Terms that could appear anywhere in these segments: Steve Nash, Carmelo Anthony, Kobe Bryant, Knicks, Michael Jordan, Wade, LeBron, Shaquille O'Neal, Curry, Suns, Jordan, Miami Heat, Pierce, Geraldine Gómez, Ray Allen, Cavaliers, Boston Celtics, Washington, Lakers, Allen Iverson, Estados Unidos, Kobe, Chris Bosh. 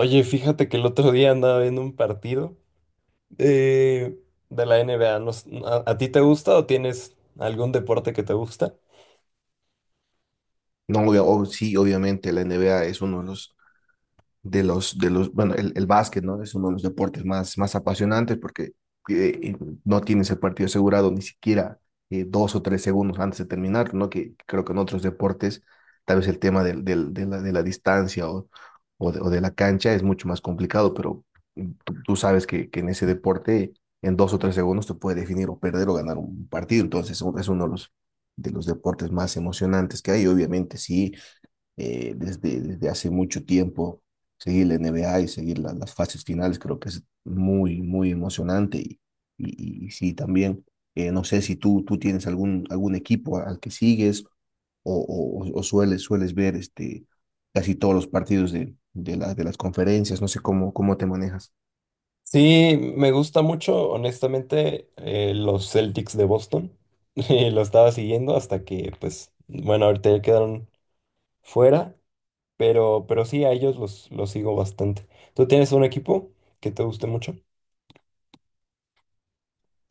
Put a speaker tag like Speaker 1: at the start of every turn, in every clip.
Speaker 1: Oye, fíjate que el otro día andaba viendo un partido eh, de la NBA. No s- ¿A, a ti te gusta o tienes algún deporte que te gusta?
Speaker 2: No, obviamente la NBA es uno de los, bueno, el básquet, ¿no? Es uno de los deportes más apasionantes porque eh, no tienes el partido asegurado ni siquiera 2 o 3 segundos antes de terminar, ¿no? Que creo que en otros deportes tal vez el tema de la distancia o de la cancha es mucho más complicado, pero tú sabes que en ese deporte en 2 o 3 segundos te puede definir o perder o ganar un partido. Entonces es uno de los, deportes más emocionantes que hay, obviamente sí, desde hace mucho tiempo, seguir la NBA y seguir las fases finales, creo que es muy, muy emocionante. Y sí, también, no sé si tú tienes algún equipo al que sigues, o, o sueles ver casi todos los partidos de las conferencias, no sé cómo te manejas.
Speaker 1: Sí, me gusta mucho, honestamente, los Celtics de Boston. Y lo estaba siguiendo hasta que, pues, bueno, ahorita ya quedaron fuera. Pero sí, a ellos los sigo bastante. ¿Tú tienes un equipo que te guste mucho?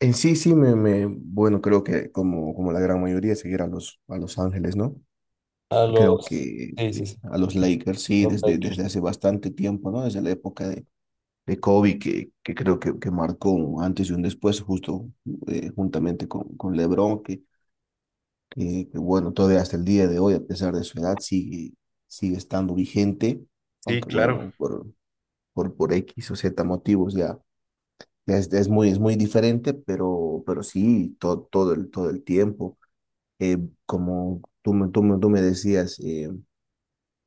Speaker 2: En sí, sí, me, bueno, creo que como la gran mayoría, seguir a Los Ángeles, ¿no?
Speaker 1: A
Speaker 2: Creo
Speaker 1: los...
Speaker 2: que
Speaker 1: Sí, sí, sí,
Speaker 2: a los Lakers
Speaker 1: a
Speaker 2: sí,
Speaker 1: los Lakers.
Speaker 2: desde hace bastante tiempo, ¿no? Desde la época de Kobe, que creo que marcó un antes y un después, justo juntamente con LeBron, bueno, todavía hasta el día de hoy, a pesar de su edad, sigue estando vigente,
Speaker 1: Sí,
Speaker 2: aunque
Speaker 1: claro.
Speaker 2: bueno, por X o Z motivos ya es muy diferente, pero sí, todo el tiempo. Eh, como tú me decías,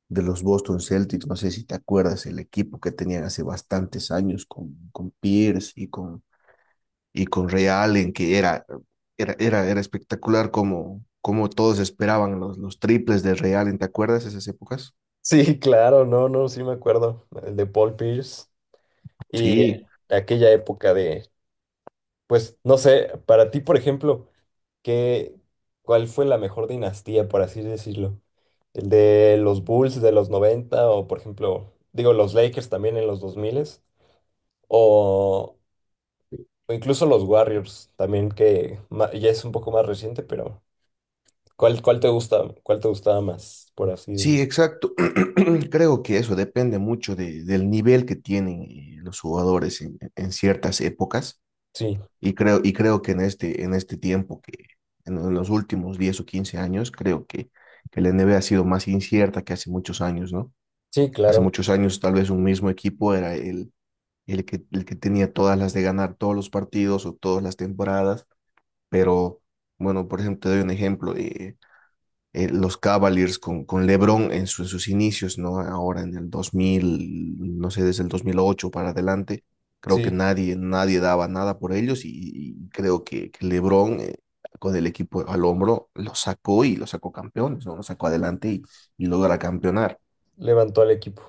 Speaker 2: de los Boston Celtics, no sé si te acuerdas, el equipo que tenían hace bastantes años con Pierce y con Ray Allen, que era espectacular, como todos esperaban los triples de Ray Allen. ¿Te acuerdas esas épocas?
Speaker 1: Sí, claro, no, no, sí me acuerdo. El de Paul Pierce y
Speaker 2: Sí.
Speaker 1: aquella época de, pues, no sé, para ti, por ejemplo, ¿qué, ¿cuál fue la mejor dinastía, por así decirlo? ¿El de los Bulls de los 90 o, por ejemplo, digo, los Lakers también en los 2000 o O incluso los Warriors también, ya es un poco más reciente, pero ¿cuál te gusta, cuál te gustaba más, por así
Speaker 2: Sí,
Speaker 1: decirlo?
Speaker 2: exacto. Creo que eso depende mucho del nivel que tienen, los jugadores en ciertas épocas.
Speaker 1: Sí,
Speaker 2: Y creo que en este tiempo, que en los últimos 10 o 15 años, creo que la NBA ha sido más incierta que hace muchos años, ¿no?
Speaker 1: sí,
Speaker 2: Hace
Speaker 1: claro.
Speaker 2: muchos años tal vez un mismo equipo era el que tenía todas las de ganar todos los partidos o todas las temporadas, pero bueno, por ejemplo, te doy un ejemplo. Los Cavaliers con LeBron en sus inicios, ¿no? Ahora en el 2000, no sé, desde el 2008 para adelante, creo que
Speaker 1: Sí,
Speaker 2: nadie daba nada por ellos, y creo que LeBron, con el equipo al hombro lo sacó y lo sacó campeones, ¿no? Lo sacó adelante y logra campeonar.
Speaker 1: levantó al equipo.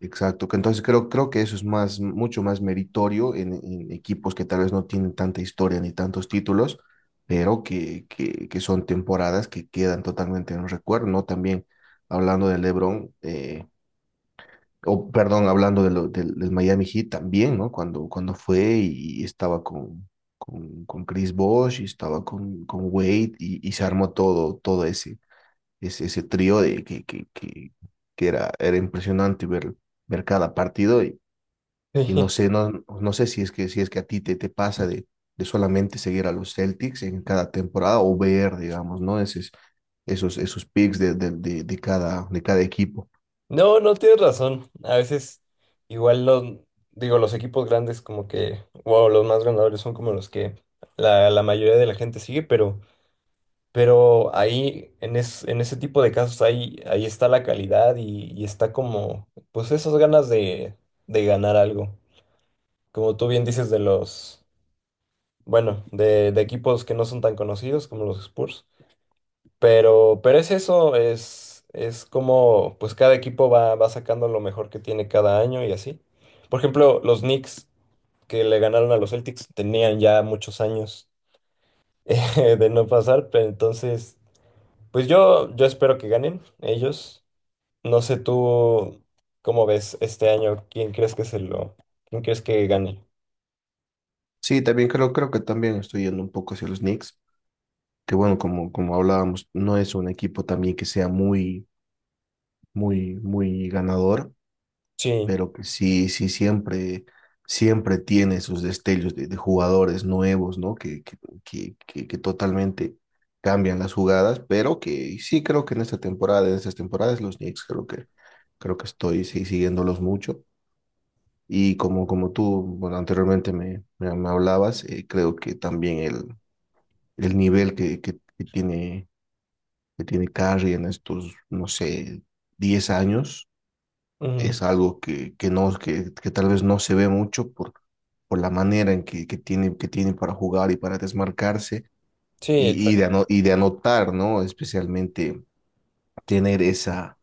Speaker 2: Exacto, que entonces creo que eso es mucho más meritorio en equipos que tal vez no tienen tanta historia ni tantos títulos, pero que son temporadas que quedan totalmente en el recuerdo, ¿no? También hablando del LeBron, o perdón, hablando del Miami Heat también, ¿no? Cuando fue y estaba con Chris Bosh y estaba con Wade, y se armó todo ese trío de que era impresionante ver cada partido, y no sé, no sé si es que a ti te pasa de solamente seguir a los Celtics en cada temporada o ver, digamos, ¿no? Esos picks de cada equipo.
Speaker 1: No, no, tienes razón. A veces igual los, digo, los equipos grandes como que, wow, los más ganadores son como los que la mayoría de la gente sigue, pero ahí, en, es, en ese tipo de casos, ahí está la calidad y está como, pues esas ganas de ganar algo, como tú bien dices, de los, bueno, de equipos que no son tan conocidos como los Spurs. Pero es eso, es como, pues cada equipo va, va sacando lo mejor que tiene cada año y así. Por ejemplo, los Knicks que le ganaron a los Celtics tenían ya muchos años de no pasar, pero entonces, pues yo espero que ganen ellos. No sé tú cómo ves este año, quién crees que gane.
Speaker 2: Sí, también creo que también estoy yendo un poco hacia los Knicks, que bueno, como hablábamos, no es un equipo también que sea muy, muy ganador,
Speaker 1: Sí,
Speaker 2: pero que sí, sí, siempre tiene sus destellos de jugadores nuevos, ¿no? Que totalmente cambian las jugadas, pero que sí creo que en esta temporada, en estas temporadas, los Knicks creo que estoy sí, siguiéndolos mucho. Y como tú, bueno, anteriormente me hablabas. Creo que también el nivel que tiene Curry en estos, no sé, 10 años,
Speaker 1: ujú.
Speaker 2: es algo que tal vez no se ve mucho por la manera en que tiene para jugar y para desmarcarse,
Speaker 1: Sí, exacto.
Speaker 2: y de anotar, ¿no? Especialmente tener esa,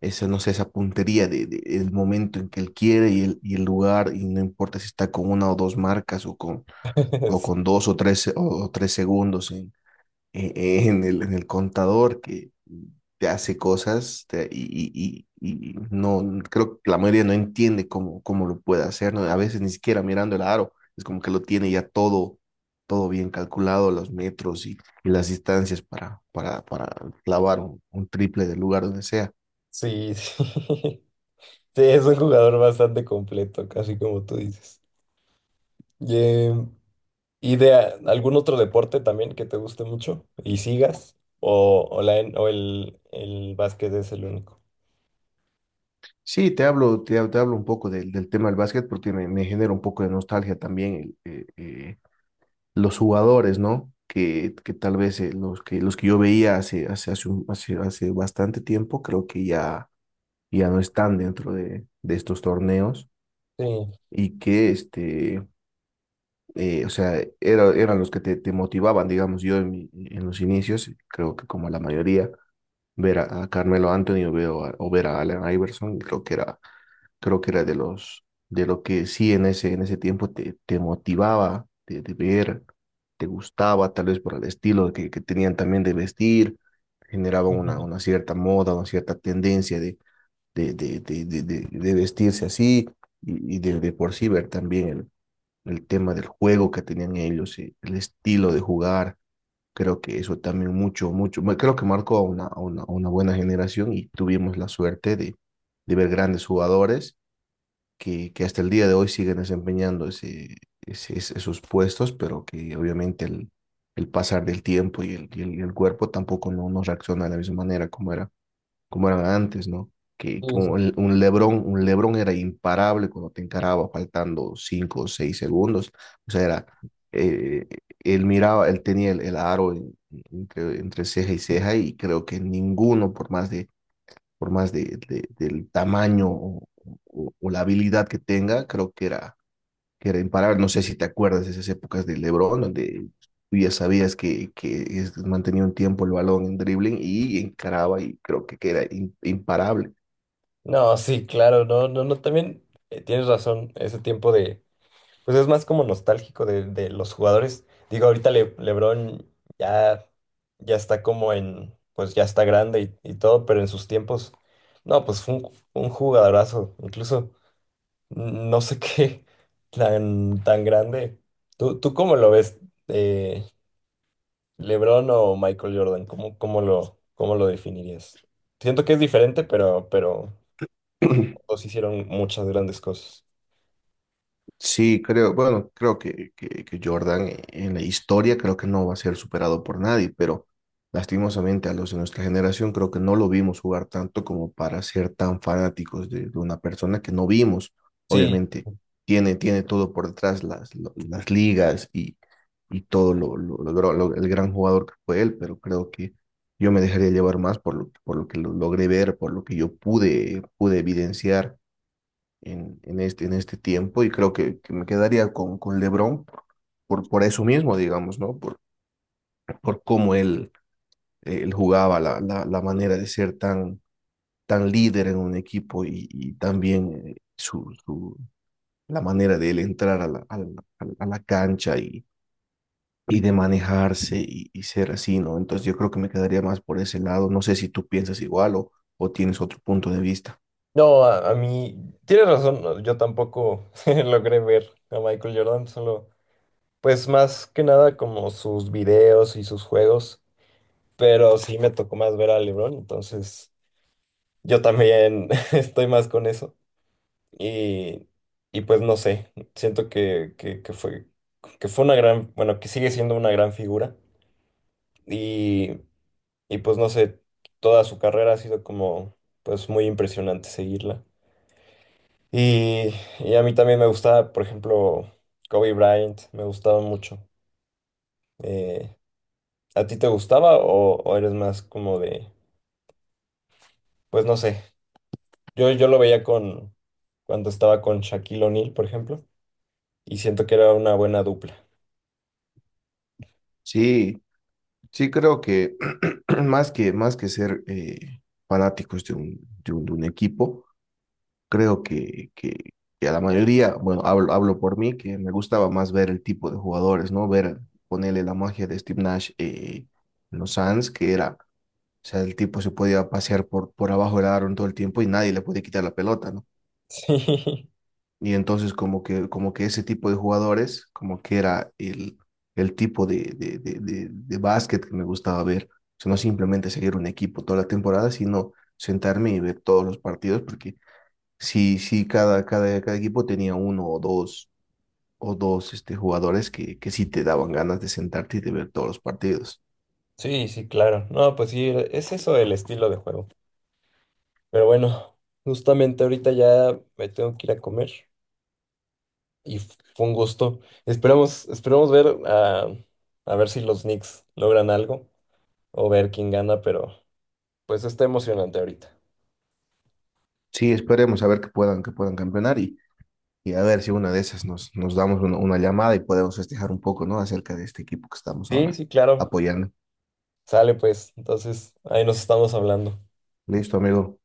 Speaker 2: esa, no sé, esa puntería de el momento en que él quiere y y el lugar, y no importa si está con una o dos marcas o con dos o tres, o 3 segundos en, en el contador, que te hace cosas y no, creo que la mayoría no entiende cómo lo puede hacer, ¿no? A veces ni siquiera mirando el aro, es como que lo tiene ya todo bien calculado, los metros y las distancias para clavar un triple del lugar donde sea.
Speaker 1: Sí, sí. Sí, es un jugador bastante completo, casi como tú dices. Y, eh, ¿Y de algún otro deporte también que te guste mucho y sigas? ¿O el básquet es el único?
Speaker 2: Sí, te hablo un poco del tema del básquet, porque me genera un poco de nostalgia también el, eh, eh, los jugadores, ¿no? Que tal vez, los que yo veía hace bastante tiempo, creo que ya no están dentro de estos torneos.
Speaker 1: Sí.
Speaker 2: Y que, este, o sea, eran los que te motivaban, digamos. Yo en los inicios, creo que como la mayoría, ver a Carmelo Anthony, o ver a Allen Iverson, creo que era de los, de lo que sí en ese, tiempo te te motivaba de ver. Te gustaba, tal vez por el estilo que tenían también de vestir, generaba una cierta moda, una cierta tendencia de vestirse así, y de por sí ver también el tema del juego que tenían ellos, el estilo de jugar. Creo que eso también bueno, creo que marcó a una buena generación y tuvimos la suerte de ver grandes jugadores que hasta el día de hoy siguen desempeñando esos puestos, pero que obviamente el pasar del tiempo y el cuerpo tampoco no reacciona de la misma manera como eran antes, ¿no? Que
Speaker 1: Sí,
Speaker 2: como
Speaker 1: sí.
Speaker 2: un LeBron era imparable cuando te encaraba faltando 5 o 6 segundos. O sea, eh, él miraba, él tenía el aro entre ceja y ceja, y creo que ninguno, por más del tamaño, o la habilidad que tenga, creo que era imparable. No sé si te acuerdas de esas épocas de LeBron, donde tú ya sabías que mantenía un tiempo el balón en dribbling y encaraba, y creo que era imparable.
Speaker 1: No, sí, claro, no, no, no, también tienes razón, ese tiempo de... Pues es más como nostálgico de los jugadores. Digo, ahorita LeBron ya, ya está como en, pues ya está grande y todo, pero en sus tiempos, no, pues fue un jugadorazo. Incluso no sé qué tan, tan grande. ¿Tú, tú cómo lo ves? Eh, ¿LeBron o Michael Jordan? ¿Cómo lo definirías? Siento que es diferente, pero los hicieron muchas grandes cosas.
Speaker 2: Sí, bueno, creo que Jordan, en la historia creo que no va a ser superado por nadie, pero lastimosamente a los de nuestra generación creo que no lo vimos jugar tanto como para ser tan fanáticos de una persona que no vimos.
Speaker 1: Sí,
Speaker 2: Obviamente tiene todo por detrás, las ligas, y todo el gran jugador que fue él, pero creo que yo me dejaría llevar más por lo que lo logré ver, por lo que yo pude evidenciar en este tiempo, y creo que me quedaría con LeBron por eso mismo, digamos, ¿no? Por cómo él, él jugaba, la manera de ser tan líder en un equipo, y también, su, la manera de él entrar a la cancha, y de manejarse, y ser así, ¿no? Entonces yo creo que me quedaría más por ese lado. No sé si tú piensas igual, o tienes otro punto de vista.
Speaker 1: no, a mí, tienes razón, no, yo tampoco logré ver a Michael Jordan, solo, pues más que nada como sus videos y sus juegos, pero sí me tocó más ver a LeBron, entonces yo también estoy más con eso y, y pues no sé, siento que, que fue, que fue una gran, bueno, que sigue siendo una gran figura y, y pues no sé, toda su carrera ha sido como, pues muy impresionante seguirla. Y, y a mí también me gustaba, por ejemplo, Kobe Bryant, me gustaba mucho. Eh, ¿A ti te gustaba o eres más como de, pues no sé, yo lo veía con cuando estaba con Shaquille O'Neal, por ejemplo, y siento que era una buena dupla?
Speaker 2: Sí. Sí, creo que más que ser, fanáticos de un equipo, creo que a la mayoría, bueno, hablo por mí, que me gustaba más ver el tipo de jugadores, ¿no? Ver, ponerle la magia de Steve Nash, en los Suns, que era, o sea, el tipo se podía pasear por abajo del aro en todo el tiempo y nadie le podía quitar la pelota, ¿no? Y entonces como que ese tipo de jugadores, como que era el tipo de básquet que me gustaba ver. O sea, no simplemente seguir un equipo toda la temporada, sino sentarme y ver todos los partidos, porque sí, sí, cada equipo tenía uno o dos, jugadores que sí te daban ganas de sentarte y de ver todos los partidos.
Speaker 1: Sí, sí, sí, claro. No, pues sí, es eso, el estilo de juego. Pero bueno, justamente ahorita ya me tengo que ir a comer y fue un gusto. Esperamos, esperamos ver a ver si los Knicks logran algo, o ver quién gana, pero pues está emocionante ahorita.
Speaker 2: Sí, esperemos a ver que puedan campeonar, y a ver si una de esas nos damos una llamada y podemos festejar un poco, ¿no? Acerca de este equipo que estamos
Speaker 1: Sí,
Speaker 2: ahora
Speaker 1: sí, claro.
Speaker 2: apoyando.
Speaker 1: Sale pues. Entonces, ahí nos estamos hablando.
Speaker 2: Listo, amigo.